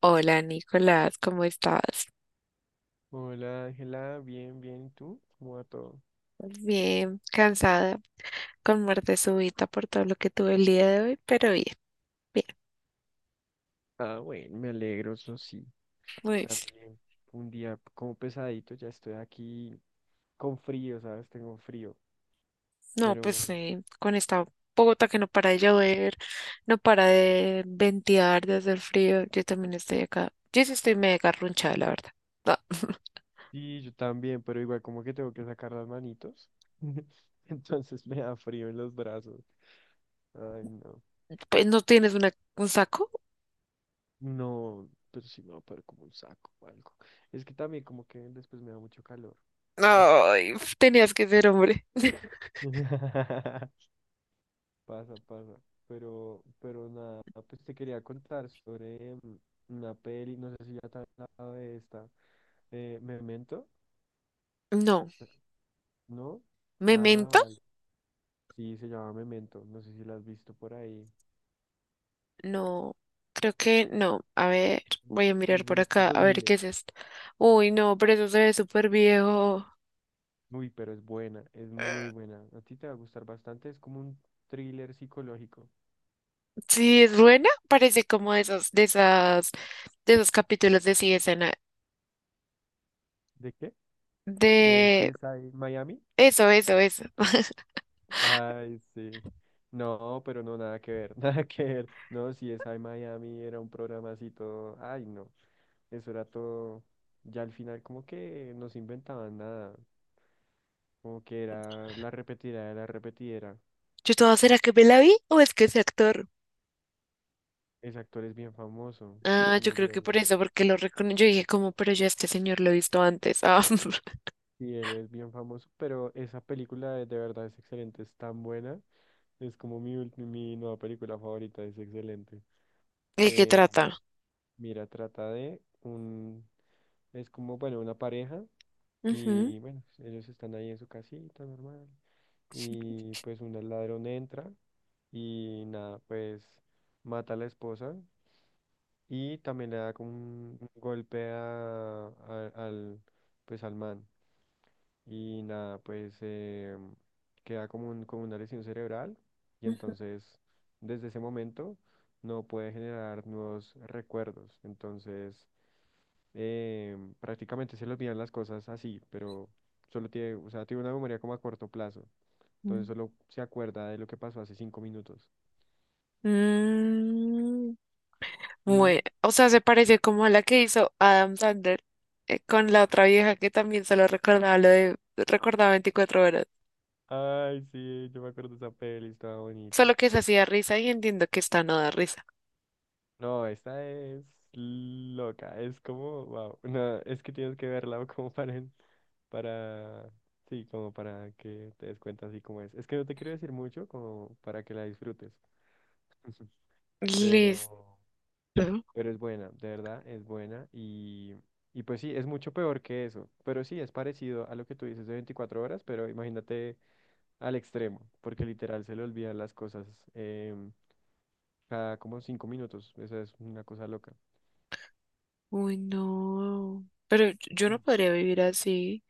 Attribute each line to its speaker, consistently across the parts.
Speaker 1: Hola Nicolás, ¿cómo estás?
Speaker 2: Hola Ángela, bien, bien, ¿y tú? ¿Cómo va todo?
Speaker 1: Bien, cansada, con muerte súbita por todo lo que tuve el día de hoy, pero bien, bien.
Speaker 2: Ah, bueno, me alegro, eso sí.
Speaker 1: Pues,
Speaker 2: También un día como pesadito, ya estoy aquí con frío, ¿sabes? Tengo frío,
Speaker 1: no,
Speaker 2: pero
Speaker 1: pues
Speaker 2: bueno.
Speaker 1: con esta Bogotá que no para de llover, no para de ventear, de hacer frío, yo también estoy acá. Yo sí estoy mega garrunchada, la verdad. No,
Speaker 2: Sí, yo también, pero igual como que tengo que sacar las manitos. Entonces me da frío en los brazos. Ay, no.
Speaker 1: pues no tienes una, un saco.
Speaker 2: No, pero sí me va a poner como un saco o algo. Es que también como que después me da mucho calor.
Speaker 1: Ay, tenías que ser hombre.
Speaker 2: Pasa, pasa. Pero nada, pues te quería contar sobre una peli, no sé si ya te he hablado de esta. ¿Memento?
Speaker 1: No,
Speaker 2: ¿No? Ah,
Speaker 1: memento.
Speaker 2: vale. Sí, se llama Memento, no sé si la has visto por ahí.
Speaker 1: No, creo que no. A ver, voy a mirar
Speaker 2: Es de
Speaker 1: por
Speaker 2: los
Speaker 1: acá, a ver qué
Speaker 2: 2000.
Speaker 1: es esto. Uy, no, pero eso se ve súper viejo.
Speaker 2: Uy, pero es buena, es
Speaker 1: Eh,
Speaker 2: muy buena. A ti te va a gustar bastante, es como un thriller psicológico.
Speaker 1: Sí, es buena. Parece como de esos, de esas, de esos capítulos de CSI.
Speaker 2: ¿De qué? De
Speaker 1: De
Speaker 2: CSI Miami.
Speaker 1: eso, eso, eso.
Speaker 2: Ay, sí. No, pero no, nada que ver, nada que ver. No, si es I Miami era un programa así todo. Ay, no. Eso era todo. Ya al final, como que no se inventaban nada. Como que era la repetidera de la repetidera.
Speaker 1: Yo toda, ¿será que me la vi o es que ese actor?
Speaker 2: Ese actor es bien famoso.
Speaker 1: Ah,
Speaker 2: Se me
Speaker 1: yo creo
Speaker 2: olvidó
Speaker 1: que
Speaker 2: el
Speaker 1: por
Speaker 2: nombre.
Speaker 1: eso, porque lo reconocí. Yo dije, como, pero yo a este señor lo he visto antes. Ah,
Speaker 2: Sí, él es bien famoso, pero esa película de verdad es excelente, es tan buena. Es como mi, ulti- mi nueva película favorita, es excelente.
Speaker 1: ¿de qué
Speaker 2: Eh,
Speaker 1: trata?
Speaker 2: mira, trata de un. Es como, bueno, una pareja
Speaker 1: Ujú,
Speaker 2: y bueno, ellos están ahí en su casita normal y pues un ladrón entra y nada, pues mata a la esposa y también le da como un golpe a- al, pues al man y nada, pues queda como, un, como una lesión cerebral y
Speaker 1: ujú.
Speaker 2: entonces desde ese momento no puede generar nuevos recuerdos, entonces prácticamente se le olvidan las cosas así, pero solo tiene, o sea, tiene una memoria como a corto plazo. Entonces solo se acuerda de lo que pasó hace cinco minutos.
Speaker 1: Mm. Muy,
Speaker 2: Y
Speaker 1: o sea, se parece como a la que hizo Adam Sandler, con la otra vieja que también solo recordaba lo de recordaba 24 horas.
Speaker 2: ay, sí, yo me acuerdo de esa peli, estaba bonita.
Speaker 1: Solo que se hacía risa y entiendo que esta no da risa.
Speaker 2: No, esta es loca, es como, wow, no, es que tienes que verla como para, en- para, sí, como para que te des cuenta así como es. Es que no te quiero decir mucho como para que la disfrutes,
Speaker 1: Listo.
Speaker 2: pero. Pero es buena, de verdad, es buena. Y y pues sí, es mucho peor que eso. Pero sí, es parecido a lo que tú dices de 24 horas, pero imagínate al extremo, porque literal se le olvidan las cosas em, cada como 5 minutos. Eso es una cosa loca.
Speaker 1: Uy, no. Pero yo no podría vivir así.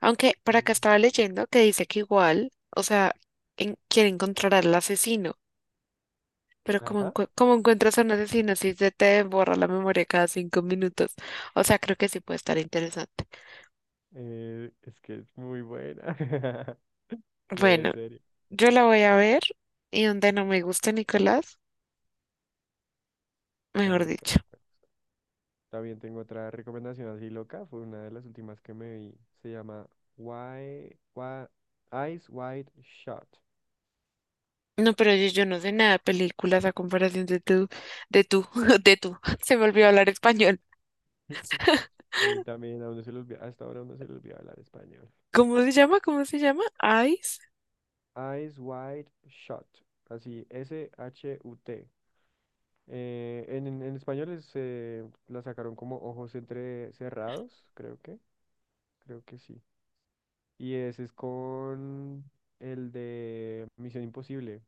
Speaker 1: Aunque por acá
Speaker 2: Mm.
Speaker 1: estaba leyendo que dice que igual, o sea, quiere encontrar al asesino. Pero como,
Speaker 2: Ajá.
Speaker 1: como encuentras a un asesino si se te borra la memoria cada 5 minutos? O sea, creo que sí puede estar interesante.
Speaker 2: Es que es muy buena. No, en
Speaker 1: Bueno.
Speaker 2: serio.
Speaker 1: Yo la voy a ver, y donde no me gusta Nicolás,
Speaker 2: Te va a
Speaker 1: mejor
Speaker 2: gustar,
Speaker 1: dicho.
Speaker 2: te va a gustar. También tengo otra recomendación así loca. Fue una de las últimas que me vi. Se llama Why, Why- Eyes Wide Shut.
Speaker 1: No, pero yo no sé nada de películas a comparación de tú, de tú. Se me olvidó hablar español.
Speaker 2: A mí también, a uno se le olvida, hasta ahora a uno se le olvida hablar español.
Speaker 1: ¿Cómo se llama? ¿Cómo se llama? Ice.
Speaker 2: Eyes wide shut. Así, S-H-U-T. En español es, la sacaron como ojos entre cerrados, creo que sí. Y ese es con el de Misión Imposible,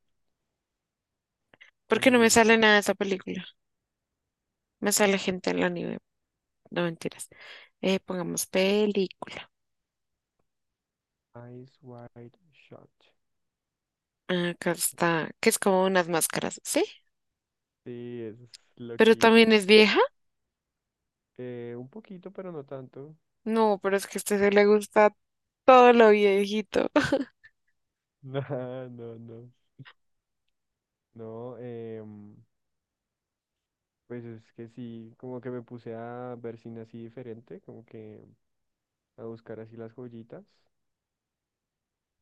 Speaker 2: con
Speaker 1: Porque no me
Speaker 2: el.
Speaker 1: sale nada de esa película. Me sale gente en la nieve. No, mentiras. Pongamos película.
Speaker 2: Eyes Wide Shut.
Speaker 1: Acá está, que es como unas máscaras, ¿sí?
Speaker 2: Sí, eso es
Speaker 1: Pero
Speaker 2: loquita,
Speaker 1: también es
Speaker 2: loquita.
Speaker 1: vieja.
Speaker 2: Un poquito, pero no tanto.
Speaker 1: No, pero es que a este se le gusta todo lo viejito.
Speaker 2: No, no, no. No, Pues es que sí, como que me puse a ver cine así diferente, como que a buscar así las joyitas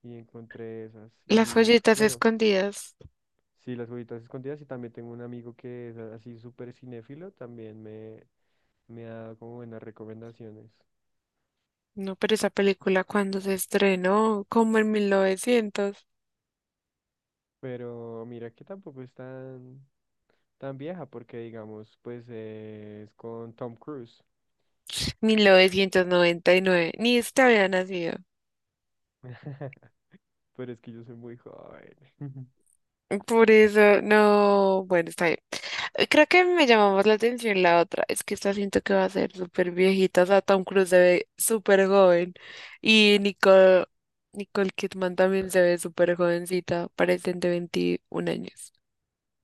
Speaker 2: y encontré esas.
Speaker 1: Las
Speaker 2: Y
Speaker 1: joyitas
Speaker 2: bueno,
Speaker 1: escondidas.
Speaker 2: sí, las joyitas escondidas y también tengo un amigo que es así súper cinéfilo, también me ha dado como buenas recomendaciones.
Speaker 1: No, pero esa película cuando se estrenó, como en 1900,
Speaker 2: Pero mira que tampoco es tan, tan vieja porque digamos, pues es con Tom Cruise.
Speaker 1: 1999, ni este había nacido.
Speaker 2: Pero es que yo soy muy joven.
Speaker 1: Por eso, no, bueno, está bien. Creo que me llamó más la atención la otra. Es que esta siento que va a ser súper viejita. O sea, Tom Cruise se ve súper joven. Y Nicole, Nicole Kidman también se ve súper jovencita. Parecen de 21 años.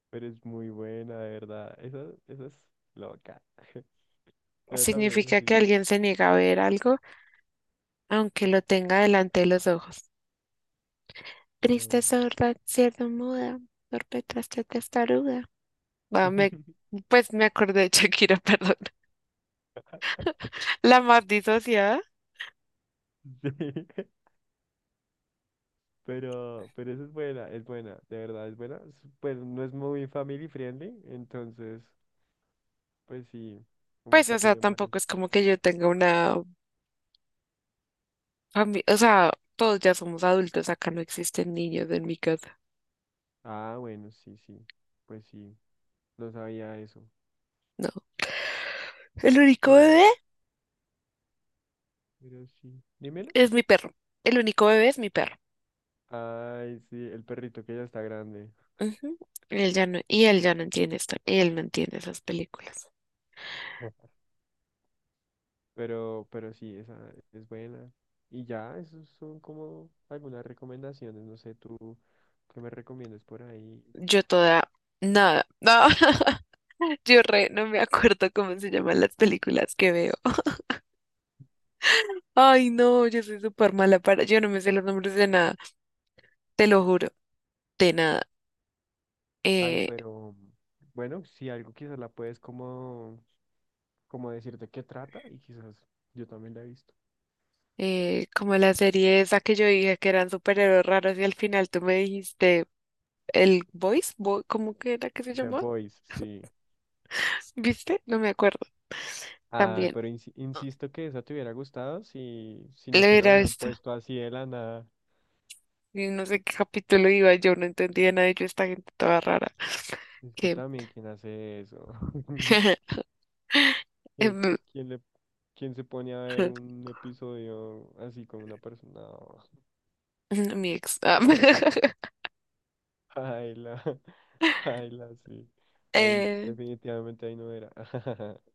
Speaker 2: Pero es muy buena, de verdad. Esa es loca. Yo también,
Speaker 1: Significa que
Speaker 2: así,
Speaker 1: alguien se niega a ver algo, aunque lo tenga delante de los ojos. Triste
Speaker 2: pero...
Speaker 1: sorda, cierto muda, perpetraste testaruda. Ah, me, pues me acordé de Shakira, perdón. La más disociada,
Speaker 2: Sí, pero eso es buena, de verdad es buena. Es- pues no es muy family friendly, entonces, pues sí, como
Speaker 1: pues,
Speaker 2: que
Speaker 1: o sea,
Speaker 2: tienen varias.
Speaker 1: tampoco es como que yo tenga una familia, o sea, todos ya somos adultos, acá no existen niños en mi casa,
Speaker 2: Ah, bueno, sí, sí, pues sí, no sabía eso.
Speaker 1: no. El único bebé
Speaker 2: Pero, pero sí. Dímelo.
Speaker 1: es mi perro, el único bebé es mi perro.
Speaker 2: Ay, sí, el perrito que ya está grande.
Speaker 1: Ujú. Él ya no, y él ya no entiende esto, él no entiende esas películas.
Speaker 2: Pero sí, esa es buena. Y ya, esos son como algunas recomendaciones. No sé, tú qué me recomiendas por ahí.
Speaker 1: Yo toda, nada, no, yo re, no me acuerdo cómo se llaman las películas que veo. Ay, no, yo soy súper mala para. Yo no me sé los nombres de nada, te lo juro, de nada.
Speaker 2: Ay,
Speaker 1: Eh,
Speaker 2: pero bueno, si algo quizás la puedes como, como decir de qué trata y quizás yo también la he visto.
Speaker 1: como la serie esa que yo dije que eran superhéroes raros y al final tú me dijiste el Voice, ¿cómo que era que se
Speaker 2: The
Speaker 1: llamaba?
Speaker 2: Boys, sí.
Speaker 1: ¿Viste? No me acuerdo.
Speaker 2: Ah,
Speaker 1: También.
Speaker 2: pero insi-
Speaker 1: Ah,
Speaker 2: insisto que esa te hubiera gustado si, si no te la
Speaker 1: era
Speaker 2: hubieran
Speaker 1: esta.
Speaker 2: puesto así de la nada.
Speaker 1: Y no sé qué capítulo iba, yo no entendía nada de yo, esta gente toda rara.
Speaker 2: Es que
Speaker 1: Que.
Speaker 2: también, ¿quién hace eso? ¿Quién,
Speaker 1: em,
Speaker 2: quién le, quién se pone a ver un episodio así con una persona? No.
Speaker 1: Mi ex.
Speaker 2: Baila, baila, sí. Ahí,
Speaker 1: Eh,
Speaker 2: definitivamente ahí no era.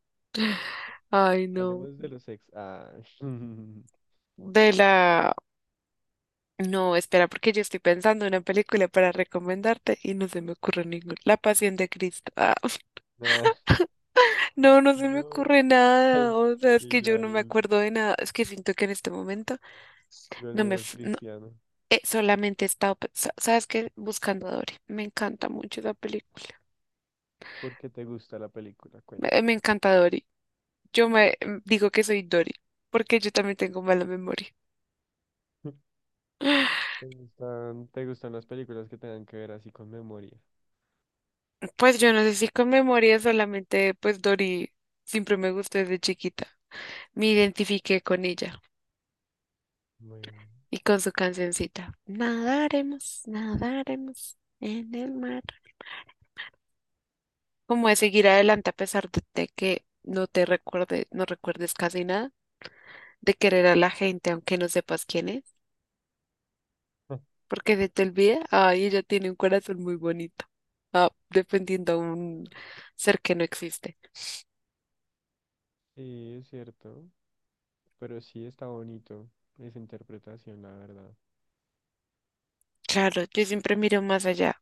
Speaker 1: ay, no.
Speaker 2: Hablemos de los ex. Ah,
Speaker 1: De la. No, espera, porque yo estoy pensando en una película para recomendarte y no se me ocurre ninguna. La Pasión de Cristo. Ah,
Speaker 2: ah,
Speaker 1: no, no se me
Speaker 2: no.
Speaker 1: ocurre nada.
Speaker 2: Ay,
Speaker 1: O sea, es
Speaker 2: y
Speaker 1: que yo no me acuerdo de nada. Es que siento que en este momento
Speaker 2: yo el menos
Speaker 1: no,
Speaker 2: cristiano.
Speaker 1: solamente he estado, ¿sabes qué? Buscando a Dory. Me encanta mucho esa película.
Speaker 2: ¿Por qué te gusta la película? Cuenta.
Speaker 1: Me encanta Dory. Digo que soy Dory, porque yo también tengo mala memoria.
Speaker 2: Te gustan las películas que tengan que ver así con memoria?
Speaker 1: Pues yo no sé si con memoria solamente, pues Dory siempre me gustó desde chiquita. Me identifiqué con ella.
Speaker 2: Bueno.
Speaker 1: Y con su cancioncita, nadaremos, nadaremos en el mar. Como de seguir adelante a pesar de que no te recuerde, no recuerdes casi nada, de querer a la gente aunque no sepas quién es, porque se te olvida, ay, ella tiene un corazón muy bonito. Ah, defendiendo a un ser que no existe.
Speaker 2: Sí, es cierto. Pero sí está bonito esa interpretación, la verdad.
Speaker 1: Claro, yo siempre miro más allá.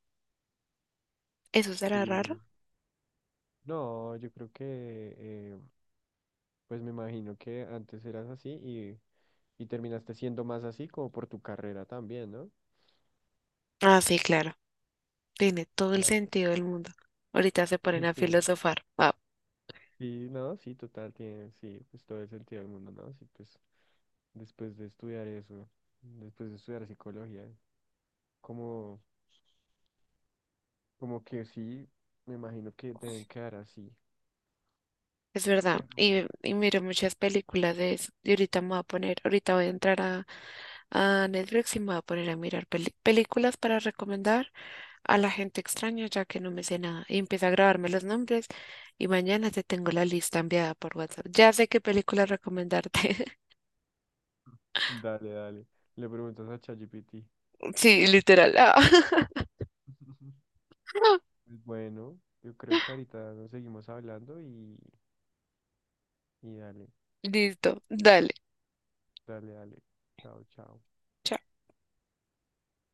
Speaker 1: ¿Eso será raro?
Speaker 2: Sí. No, yo creo que, pues me imagino que antes eras así y terminaste siendo más así como por tu carrera también, ¿no?
Speaker 1: Ah, sí, claro. Tiene todo el
Speaker 2: Claro.
Speaker 1: sentido del mundo. Ahorita se ponen a
Speaker 2: Sí,
Speaker 1: filosofar. Ah,
Speaker 2: sí, no, sí, total, tiene, sí, pues todo el sentido del mundo, ¿no? Sí, pues después de estudiar eso, después de estudiar psicología, como, como que sí, me imagino que deben quedar así.
Speaker 1: es verdad,
Speaker 2: Pero
Speaker 1: y miro muchas películas de eso. Y ahorita me voy a poner, ahorita voy a entrar a Netflix y me voy a poner a mirar películas para recomendar a la gente extraña, ya que no me sé nada. Y empiezo a grabarme los nombres y mañana te tengo la lista enviada por WhatsApp. Ya sé qué película recomendarte.
Speaker 2: dale, dale, le preguntas a ChatGPT.
Speaker 1: Sí, literal. Ah.
Speaker 2: Pues bueno, yo creo que ahorita nos seguimos hablando y dale,
Speaker 1: Listo, dale.
Speaker 2: dale, dale. Chao, chao.
Speaker 1: Chao.